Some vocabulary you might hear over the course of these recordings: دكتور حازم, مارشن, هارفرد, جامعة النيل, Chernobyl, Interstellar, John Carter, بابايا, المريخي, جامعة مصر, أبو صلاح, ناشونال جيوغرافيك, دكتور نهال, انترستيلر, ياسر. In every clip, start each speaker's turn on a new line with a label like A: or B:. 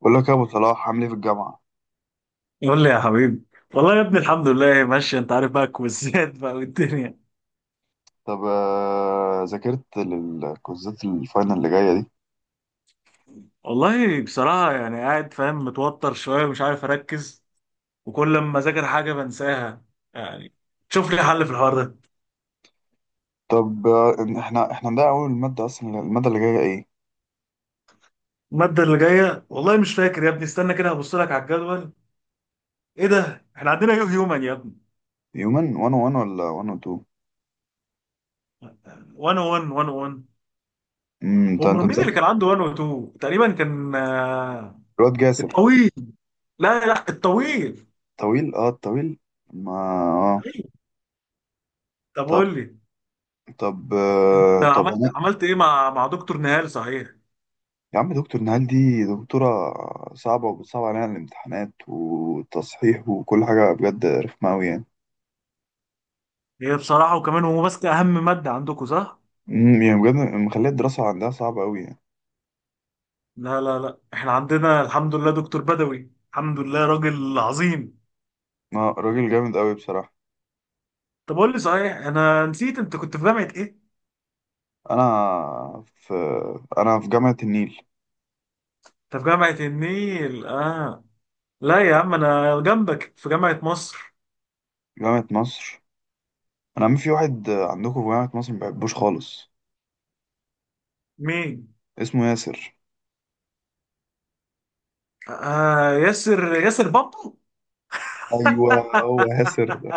A: بقول لك يا ابو صلاح، عامل ايه في الجامعه؟
B: قول لي يا حبيبي. والله يا ابني الحمد لله ماشي، انت عارف بقى الكويزات بقى والدنيا.
A: طب، ذاكرت للكوزات الفاينل اللي جايه دي؟
B: والله بصراحة يعني قاعد فاهم متوتر شوية ومش عارف أركز، وكل لما أذاكر حاجة بنساها يعني. شوف لي حل في الحوار ده.
A: طب، إن احنا ده اول ماده، اصلا الماده اللي جايه ايه؟
B: المادة اللي جاية والله مش فاكر يا ابني، استنى كده هبص لك على الجدول. إيه ده، احنا عندنا يو هيومن يا ابني.
A: هيومن 1 1 ولا 1 2؟
B: 101 101.
A: انت
B: امال مين اللي
A: مذاكر؟
B: كان عنده 102 تقريبا، كان
A: الواد جاسر.
B: الطويل. لا لا الطويل.
A: طويل، اه، طويل. ما. اه.
B: طب
A: طب.
B: قول لي،
A: طب
B: انت
A: آه، طب
B: عملت
A: انا.
B: عملت ايه مع دكتور نهال صحيح؟
A: يا عم، دكتور نهال دي، دكتوره، صعبه وبتصعب علينا الامتحانات والتصحيح وكل حاجه بجد رخمه قوي يعني.
B: هي بصراحة، وكمان هو ماسك أهم مادة عندكم صح؟
A: يعني بجد مخليه الدراسه عندها صعبه قوي يعني.
B: لا لا لا، احنا عندنا الحمد لله دكتور بدوي، الحمد لله راجل عظيم.
A: راجل جامد قوي بصراحه.
B: طب قول لي صحيح، أنا نسيت، أنت كنت في جامعة إيه؟
A: انا في انا في جامعة النيل.
B: أنت في جامعة النيل آه. لا يا عم، أنا جنبك في جامعة مصر.
A: جامعة مصر، انا عم في واحد عندكم في جامعة مصر ما بحبوش خالص.
B: مين؟
A: اسمه ياسر.
B: آه ياسر، ياسر بامبو؟
A: ايوه، هو ياسر ده.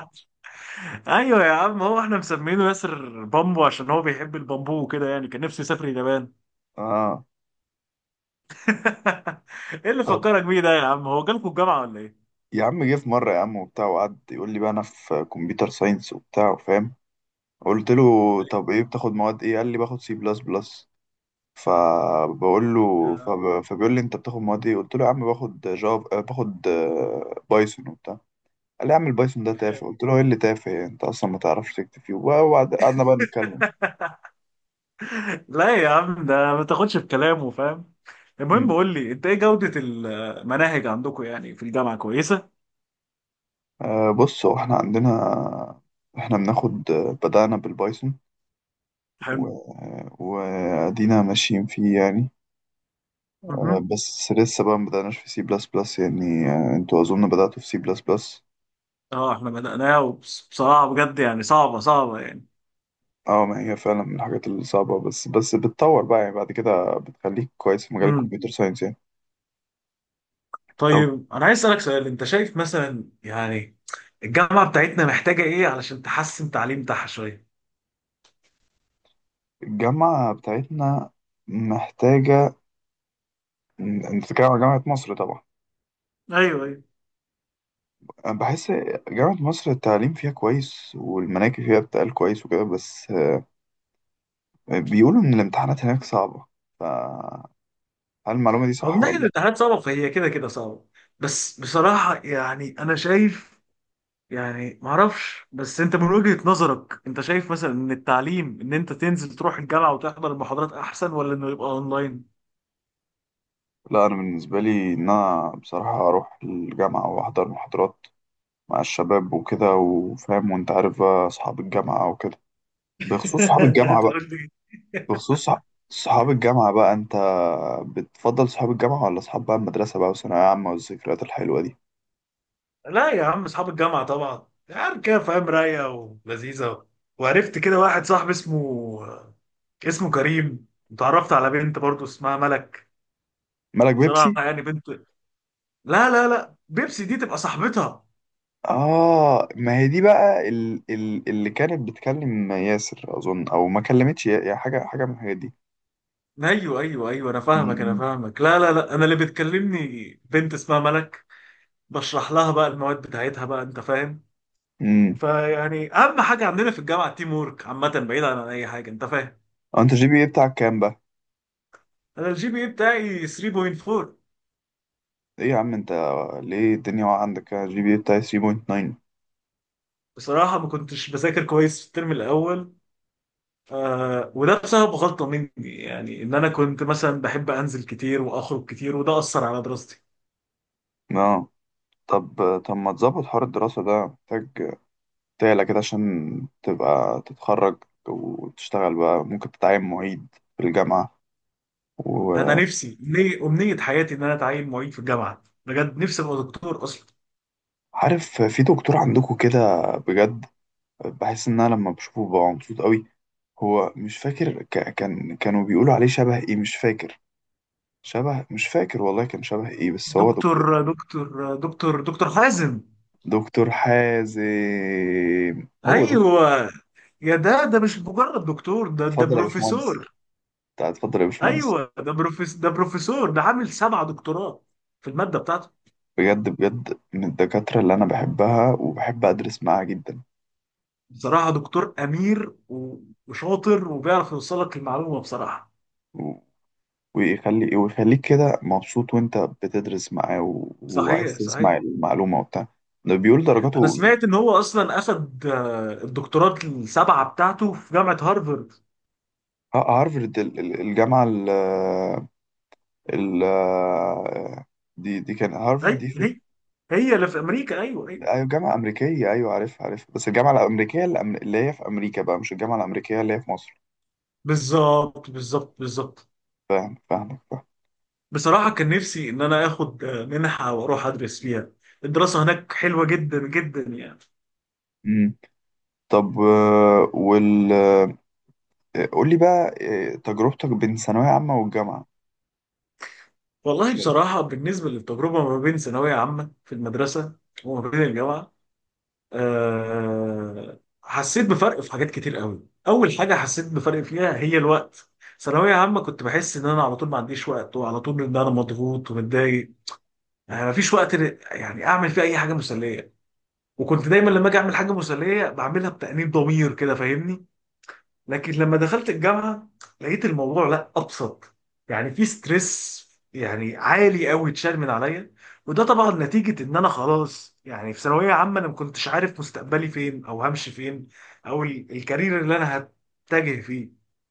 B: أيوه يا عم، هو احنا مسمينه ياسر بامبو عشان هو بيحب البامبو وكده يعني، كان نفسه يسافر اليابان.
A: اه.
B: إيه اللي
A: طب.
B: فكرك بيه ده يا عم، هو جالكوا الجامعة ولا إيه؟
A: يا عم، جه في مرة يا عم وبتاع، وقعد يقول لي بقى انا في كمبيوتر ساينس وبتاع، فاهم؟ قلت له: طب ايه بتاخد مواد ايه؟ قال لي: باخد سي بلس بلس. فبقول له،
B: آه.
A: فبيقول لي: انت بتاخد مواد ايه؟ قلت له: يا عم باخد جافا، باخد بايثون وبتاع. قال لي: يا عم البايثون ده تافه. قلت له: ايه اللي تافه يعني، انت اصلا ما تعرفش تكتب فيه، قعدنا بقى نتكلم.
B: لا يا عم، ده ما تاخدش في كلامه فاهم. المهم
A: امم
B: قول لي، انت ايه جودة المناهج عندكم يعني في الجامعة كويسة؟
A: بص، هو احنا عندنا، احنا بناخد، بدأنا بالبايثون.
B: حلو.
A: و- وادينا ماشيين فيه يعني.
B: مهم.
A: بس لسه بقى ما بدأناش في سي بلس بلس يعني. انتوا اظن بدأتوا في سي بلس بلس.
B: اه احنا بدأناها بصراحة بجد يعني صعبة صعبة يعني.
A: اه، ما هي فعلا من الحاجات الصعبة، بس بتطور بقى يعني بعد كده بتخليك كويس في مجال
B: امم.
A: الكمبيوتر ساينس يعني. طب.
B: طيب انا عايز اسألك سؤال، انت شايف مثلا يعني الجامعة بتاعتنا محتاجة ايه علشان تحسن تعليم بتاعها شوية؟
A: الجامعة بتاعتنا، محتاجة، انت بتتكلم على جامعة مصر طبعا.
B: ايوه ايوه.
A: أنا بحس، جامعة مصر التعليم فيها كويس والمناهج فيها بتقال كويس وكده، بس بيقولوا إن الامتحانات هناك صعبة، فهل المعلومة دي
B: هو من
A: صح
B: ناحية
A: ولا لأ؟
B: الامتحانات صعبة، فهي كده كده صعبة. بس بصراحة يعني انا شايف، يعني معرفش، بس انت من وجهة نظرك انت شايف مثلا ان التعليم، ان انت تنزل تروح الجامعة وتحضر المحاضرات احسن، ولا انه يبقى اونلاين؟
A: لا، أنا بالنسبة لي إن أنا بصراحة أروح الجامعة وأحضر محاضرات مع الشباب وكده، وفاهم، وأنت عارف بقى أصحاب الجامعة وكده. بخصوص صحاب
B: انت
A: الجامعة بقى،
B: هتقول لي.
A: بخصوص صحاب الجامعة بقى، أنت بتفضل صحاب الجامعة ولا صحاب بقى المدرسة بقى، وثانوية عامة والذكريات الحلوة دي؟
B: لا يا عم، اصحاب الجامعة طبعا يعني كده فاهم، رايقة ولذيذة. وعرفت كده واحد صاحبي اسمه كريم، وتعرفت على بنت برضو اسمها ملك.
A: مالك بيبسي؟
B: بصراحة يعني بنت، لا لا لا، بيبسي دي تبقى صاحبتها.
A: آه، ما هي دي بقى اللي كانت بتكلم ياسر أظن، أو ما كلمتش، يا حاجة من الحاجات دي.
B: ايوه ايوه ايوه، انا
A: م-
B: فاهمك انا
A: م.
B: فاهمك لا لا لا، انا اللي بتكلمني بنت اسمها ملك، بشرح لها بقى المواد بتاعتها بقى انت فاهم.
A: امم
B: فيعني اهم حاجه عندنا في الجامعه التيم وورك عامه، بعيدا عن اي حاجه انت فاهم.
A: أنت جي بي إيه بتاعك كام بقى؟
B: انا الجي بي اي بتاعي 3.4.
A: إيه يا عم أنت، ليه الدنيا واقعة عندك، أنا جي بي إيه بتاعي 3.9.
B: بصراحه ما كنتش بذاكر كويس في الترم الاول، آه وده بسبب غلطه مني يعني، ان انا كنت مثلا بحب انزل كتير واخرج كتير، وده اثر على دراستي.
A: آه طب، ما تظبط حوار الدراسة ده، محتاج تعلى كده عشان تبقى تتخرج، وتشتغل بقى، ممكن تتعين معيد في الجامعة،
B: انا
A: وعارف،
B: نفسي امنيه حياتي ان انا اتعين معيد في الجامعه، بجد نفسي ابقى دكتور اصلا.
A: في دكتور عندكم كده بجد، بحس ان انا لما بشوفه ببقى مبسوط قوي. هو مش فاكر، ك... كان كانوا بيقولوا عليه شبه ايه، مش فاكر، شبه، مش فاكر والله، كان شبه ايه، بس هو دكتور.
B: دكتور حازم.
A: دكتور حازم. هو دكتور؟
B: ايوه. يا ده مش مجرد دكتور، ده
A: اتفضل يا باشمهندس.
B: بروفيسور.
A: اتفضل يا باشمهندس.
B: ايوه، ده بروفيسور، ده عامل سبع دكتوراه في الماده بتاعته.
A: بجد، من الدكاترة اللي انا بحبها وبحب ادرس معاها جدا.
B: بصراحه دكتور امير وشاطر، وبيعرف يوصل لك المعلومه بصراحه.
A: و... ويخليك كده مبسوط وانت بتدرس معاه، وعايز
B: صحيح صحيح.
A: تسمع المعلومة وبتاع. ده بيقول
B: انا
A: درجاته.
B: سمعت ان هو اصلا اخد الدكتورات السبعه بتاعته في جامعه هارفارد.
A: هارفرد الجامعة ال آه، دي كان، هارفرد دي
B: اي
A: فين؟
B: هي، هي اللي في امريكا، ايوه ايوه.
A: أيوة، جامعة أمريكية. أيوة، عارفها، بس الجامعة الأمريكية اللي اللي هي في أمريكا بقى، مش الجامعة الأمريكية اللي هي في مصر.
B: بالظبط بالظبط بالظبط.
A: فاهم، فاهمك، فاهم.
B: بصراحه
A: طب.
B: كان نفسي ان انا اخد منحه واروح ادرس فيها، الدراسه هناك حلوه جدا جدا يعني.
A: مم. طب، وال آه، قول لي بقى تجربتك بين ثانوية عامة والجامعة.
B: والله
A: شايف،
B: بصراحة، بالنسبة للتجربة ما بين ثانوية عامة في المدرسة وما بين الجامعة، أه حسيت بفرق في حاجات كتير قوي، أول حاجة حسيت بفرق فيها هي الوقت. ثانوية عامة كنت بحس إن أنا على طول ما عنديش وقت، وعلى طول إن أنا مضغوط ومتضايق، أه مفيش وقت يعني أعمل فيه أي حاجة مسلية، وكنت دايما لما أجي أعمل حاجة مسلية بعملها بتأنيب ضمير كده فاهمني. لكن لما دخلت الجامعه لقيت الموضوع لا، ابسط، يعني في ستريس يعني عالي قوي اتشال من عليا. وده طبعا نتيجه ان انا خلاص، يعني في ثانويه عامه انا ما كنتش عارف مستقبلي فين، او همشي فين، او الكارير اللي انا هتجه فيه.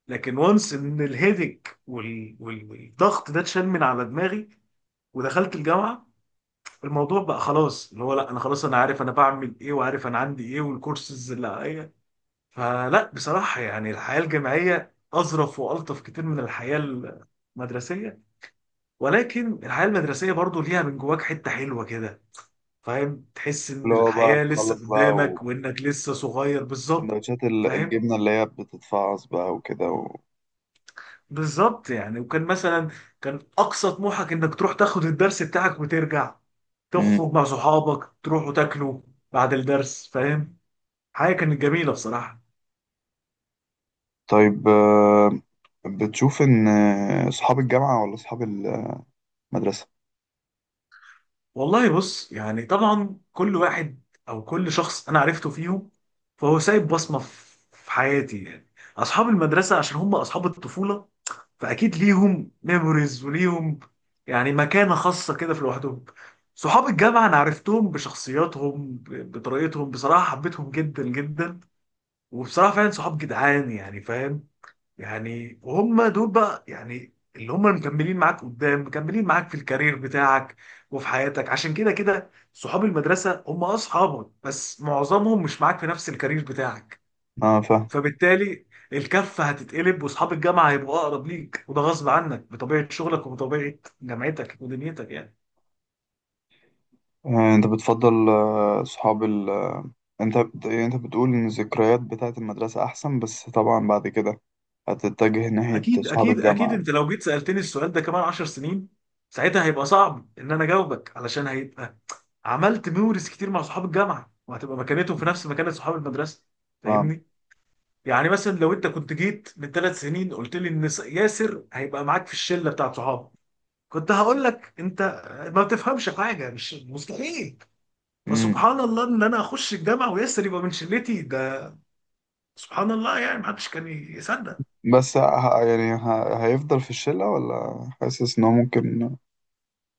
B: لكن وانس ان الهيدك والضغط ده اتشال من على دماغي، ودخلت الجامعه الموضوع بقى خلاص، اللي هو لا، انا خلاص انا عارف انا بعمل ايه، وعارف انا عندي ايه والكورسز اللي عليا. فلا بصراحة يعني الحياة الجامعية أظرف وألطف كتير من الحياة المدرسية، ولكن الحياة المدرسية برضو ليها من جواك حتة حلوة كده، فاهم، تحس إن
A: اللي هو بقى
B: الحياة لسه
A: تخلص بقى،
B: قدامك وإنك لسه صغير بالظبط.
A: وسندوتشات
B: فاهم
A: الجبنة اللي هي بتتفعص بقى وكده
B: بالظبط يعني، وكان مثلا كان أقصى طموحك إنك تروح تاخد الدرس بتاعك وترجع،
A: مم.
B: تخرج مع صحابك تروحوا تاكلوا بعد الدرس فاهم، حاجة كانت جميلة بصراحة.
A: طيب، بتشوف إن صحاب الجامعة ولا صحاب المدرسة؟
B: والله بص يعني طبعا كل واحد، او كل شخص انا عرفته فيهم فهو سايب بصمه في حياتي يعني. اصحاب المدرسه عشان هم اصحاب الطفوله، فاكيد ليهم ميموريز وليهم يعني مكانه خاصه كده في لوحدهم. صحاب الجامعه انا عرفتهم بشخصياتهم بطريقتهم، بصراحه حبيتهم جدا جدا، وبصراحه فعلا صحاب جدعان يعني فاهم. يعني وهم دول بقى يعني اللي هم مكملين معاك قدام، مكملين معاك في الكارير بتاعك وفي حياتك، عشان كده كده صحاب المدرسة هم أصحابك بس معظمهم مش معاك في نفس الكارير بتاعك.
A: اه، فاهم.
B: فبالتالي الكفة هتتقلب، وأصحاب الجامعة هيبقوا أقرب ليك، وده غصب عنك بطبيعة شغلك وبطبيعة جامعتك ودنيتك يعني.
A: انت بتفضل صحاب ال... آه، يعني انت بتقول ان الذكريات بتاعت المدرسة احسن، بس طبعا بعد كده هتتجه ناحية
B: اكيد
A: صحاب
B: اكيد اكيد،
A: الجامعة.
B: انت لو جيت سالتني السؤال ده كمان 10 سنين، ساعتها هيبقى صعب ان انا اجاوبك، علشان هيبقى عملت ميموريز كتير مع صحاب الجامعه، وهتبقى مكانتهم في نفس مكانه صحاب المدرسه
A: ف...
B: فاهمني. يعني مثلا لو انت كنت جيت من ثلاث سنين قلت لي ان ياسر هيبقى معاك في الشله بتاعت صحابه، كنت هقول لك انت ما بتفهمش حاجه، مش مستحيل.
A: مم.
B: فسبحان الله ان انا اخش الجامعه وياسر يبقى من شلتي ده، سبحان الله يعني ما حدش كان يصدق.
A: بس، يعني هيفضل في الشلة ولا حاسس انه ممكن؟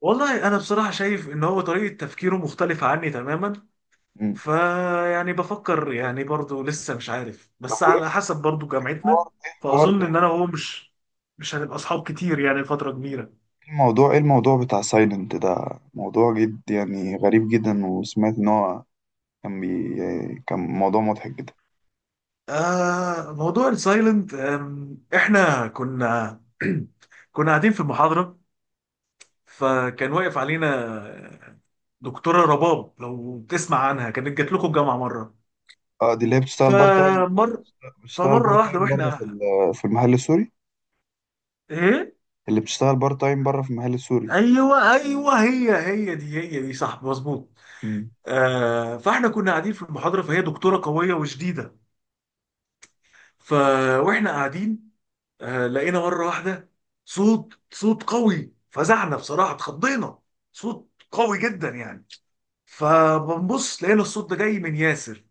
B: والله انا بصراحه شايف ان هو طريقه تفكيره مختلفه عني تماما،
A: مم.
B: فيعني بفكر يعني برضو لسه مش عارف،
A: طب،
B: بس
A: وايه
B: على حسب برضو جامعتنا،
A: الحوار؟ ايه الحوار؟
B: فاظن ان
A: ايه
B: انا وهو مش هنبقى اصحاب كتير يعني فتره كبيره.
A: الموضوع؟ ايه الموضوع بتاع سايلنت ده، موضوع جد يعني، غريب جدا، وسمعت ان هو كان كان موضوع مضحك جدا.
B: آه موضوع السايلنت. احنا كنا كنا قاعدين في المحاضره، فكان واقف علينا دكتوره رباب، لو تسمع عنها كانت جات لكم الجامعه مره.
A: اه، دي اللي هي بتشتغل بارت تايم،
B: فمر
A: بتشتغل
B: فمره
A: بارت
B: واحده
A: تايم بره
B: واحنا.
A: في في المحل السوري،
B: ايه.
A: اللي بتشتغل بارت تايم بره في المحل السوري.
B: ايوه ايوه، هي هي دي، هي دي صح مظبوط.
A: مم.
B: آه فاحنا كنا قاعدين في المحاضره، فهي دكتوره قويه وشديده. ف واحنا قاعدين، آه لقينا مره واحده صوت قوي، فزعنا بصراحه اتخضينا، صوت قوي جدا يعني. فبنبص لقينا الصوت ده جاي من ياسر،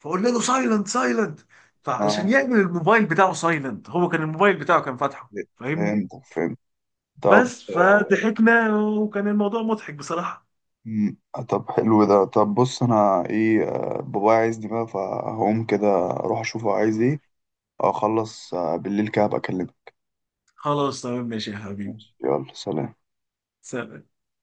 B: فقلنا له سايلنت سايلنت، فعلشان
A: اه،
B: يعمل الموبايل بتاعه سايلنت، هو كان الموبايل بتاعه كان فاتحه فاهمني.
A: فهمت. طب.
B: بس فضحكنا وكان الموضوع مضحك بصراحه.
A: مم، طب حلو ده. بص انا ايه، بابايا عايزني بقى، فهقوم كده اروح اشوفه عايز ايه، اخلص بالليل كده هبقى اكلمه.
B: خلاص تمام ماشي يا حبيبي.
A: ماشي، يلا سلام.
B: سلام.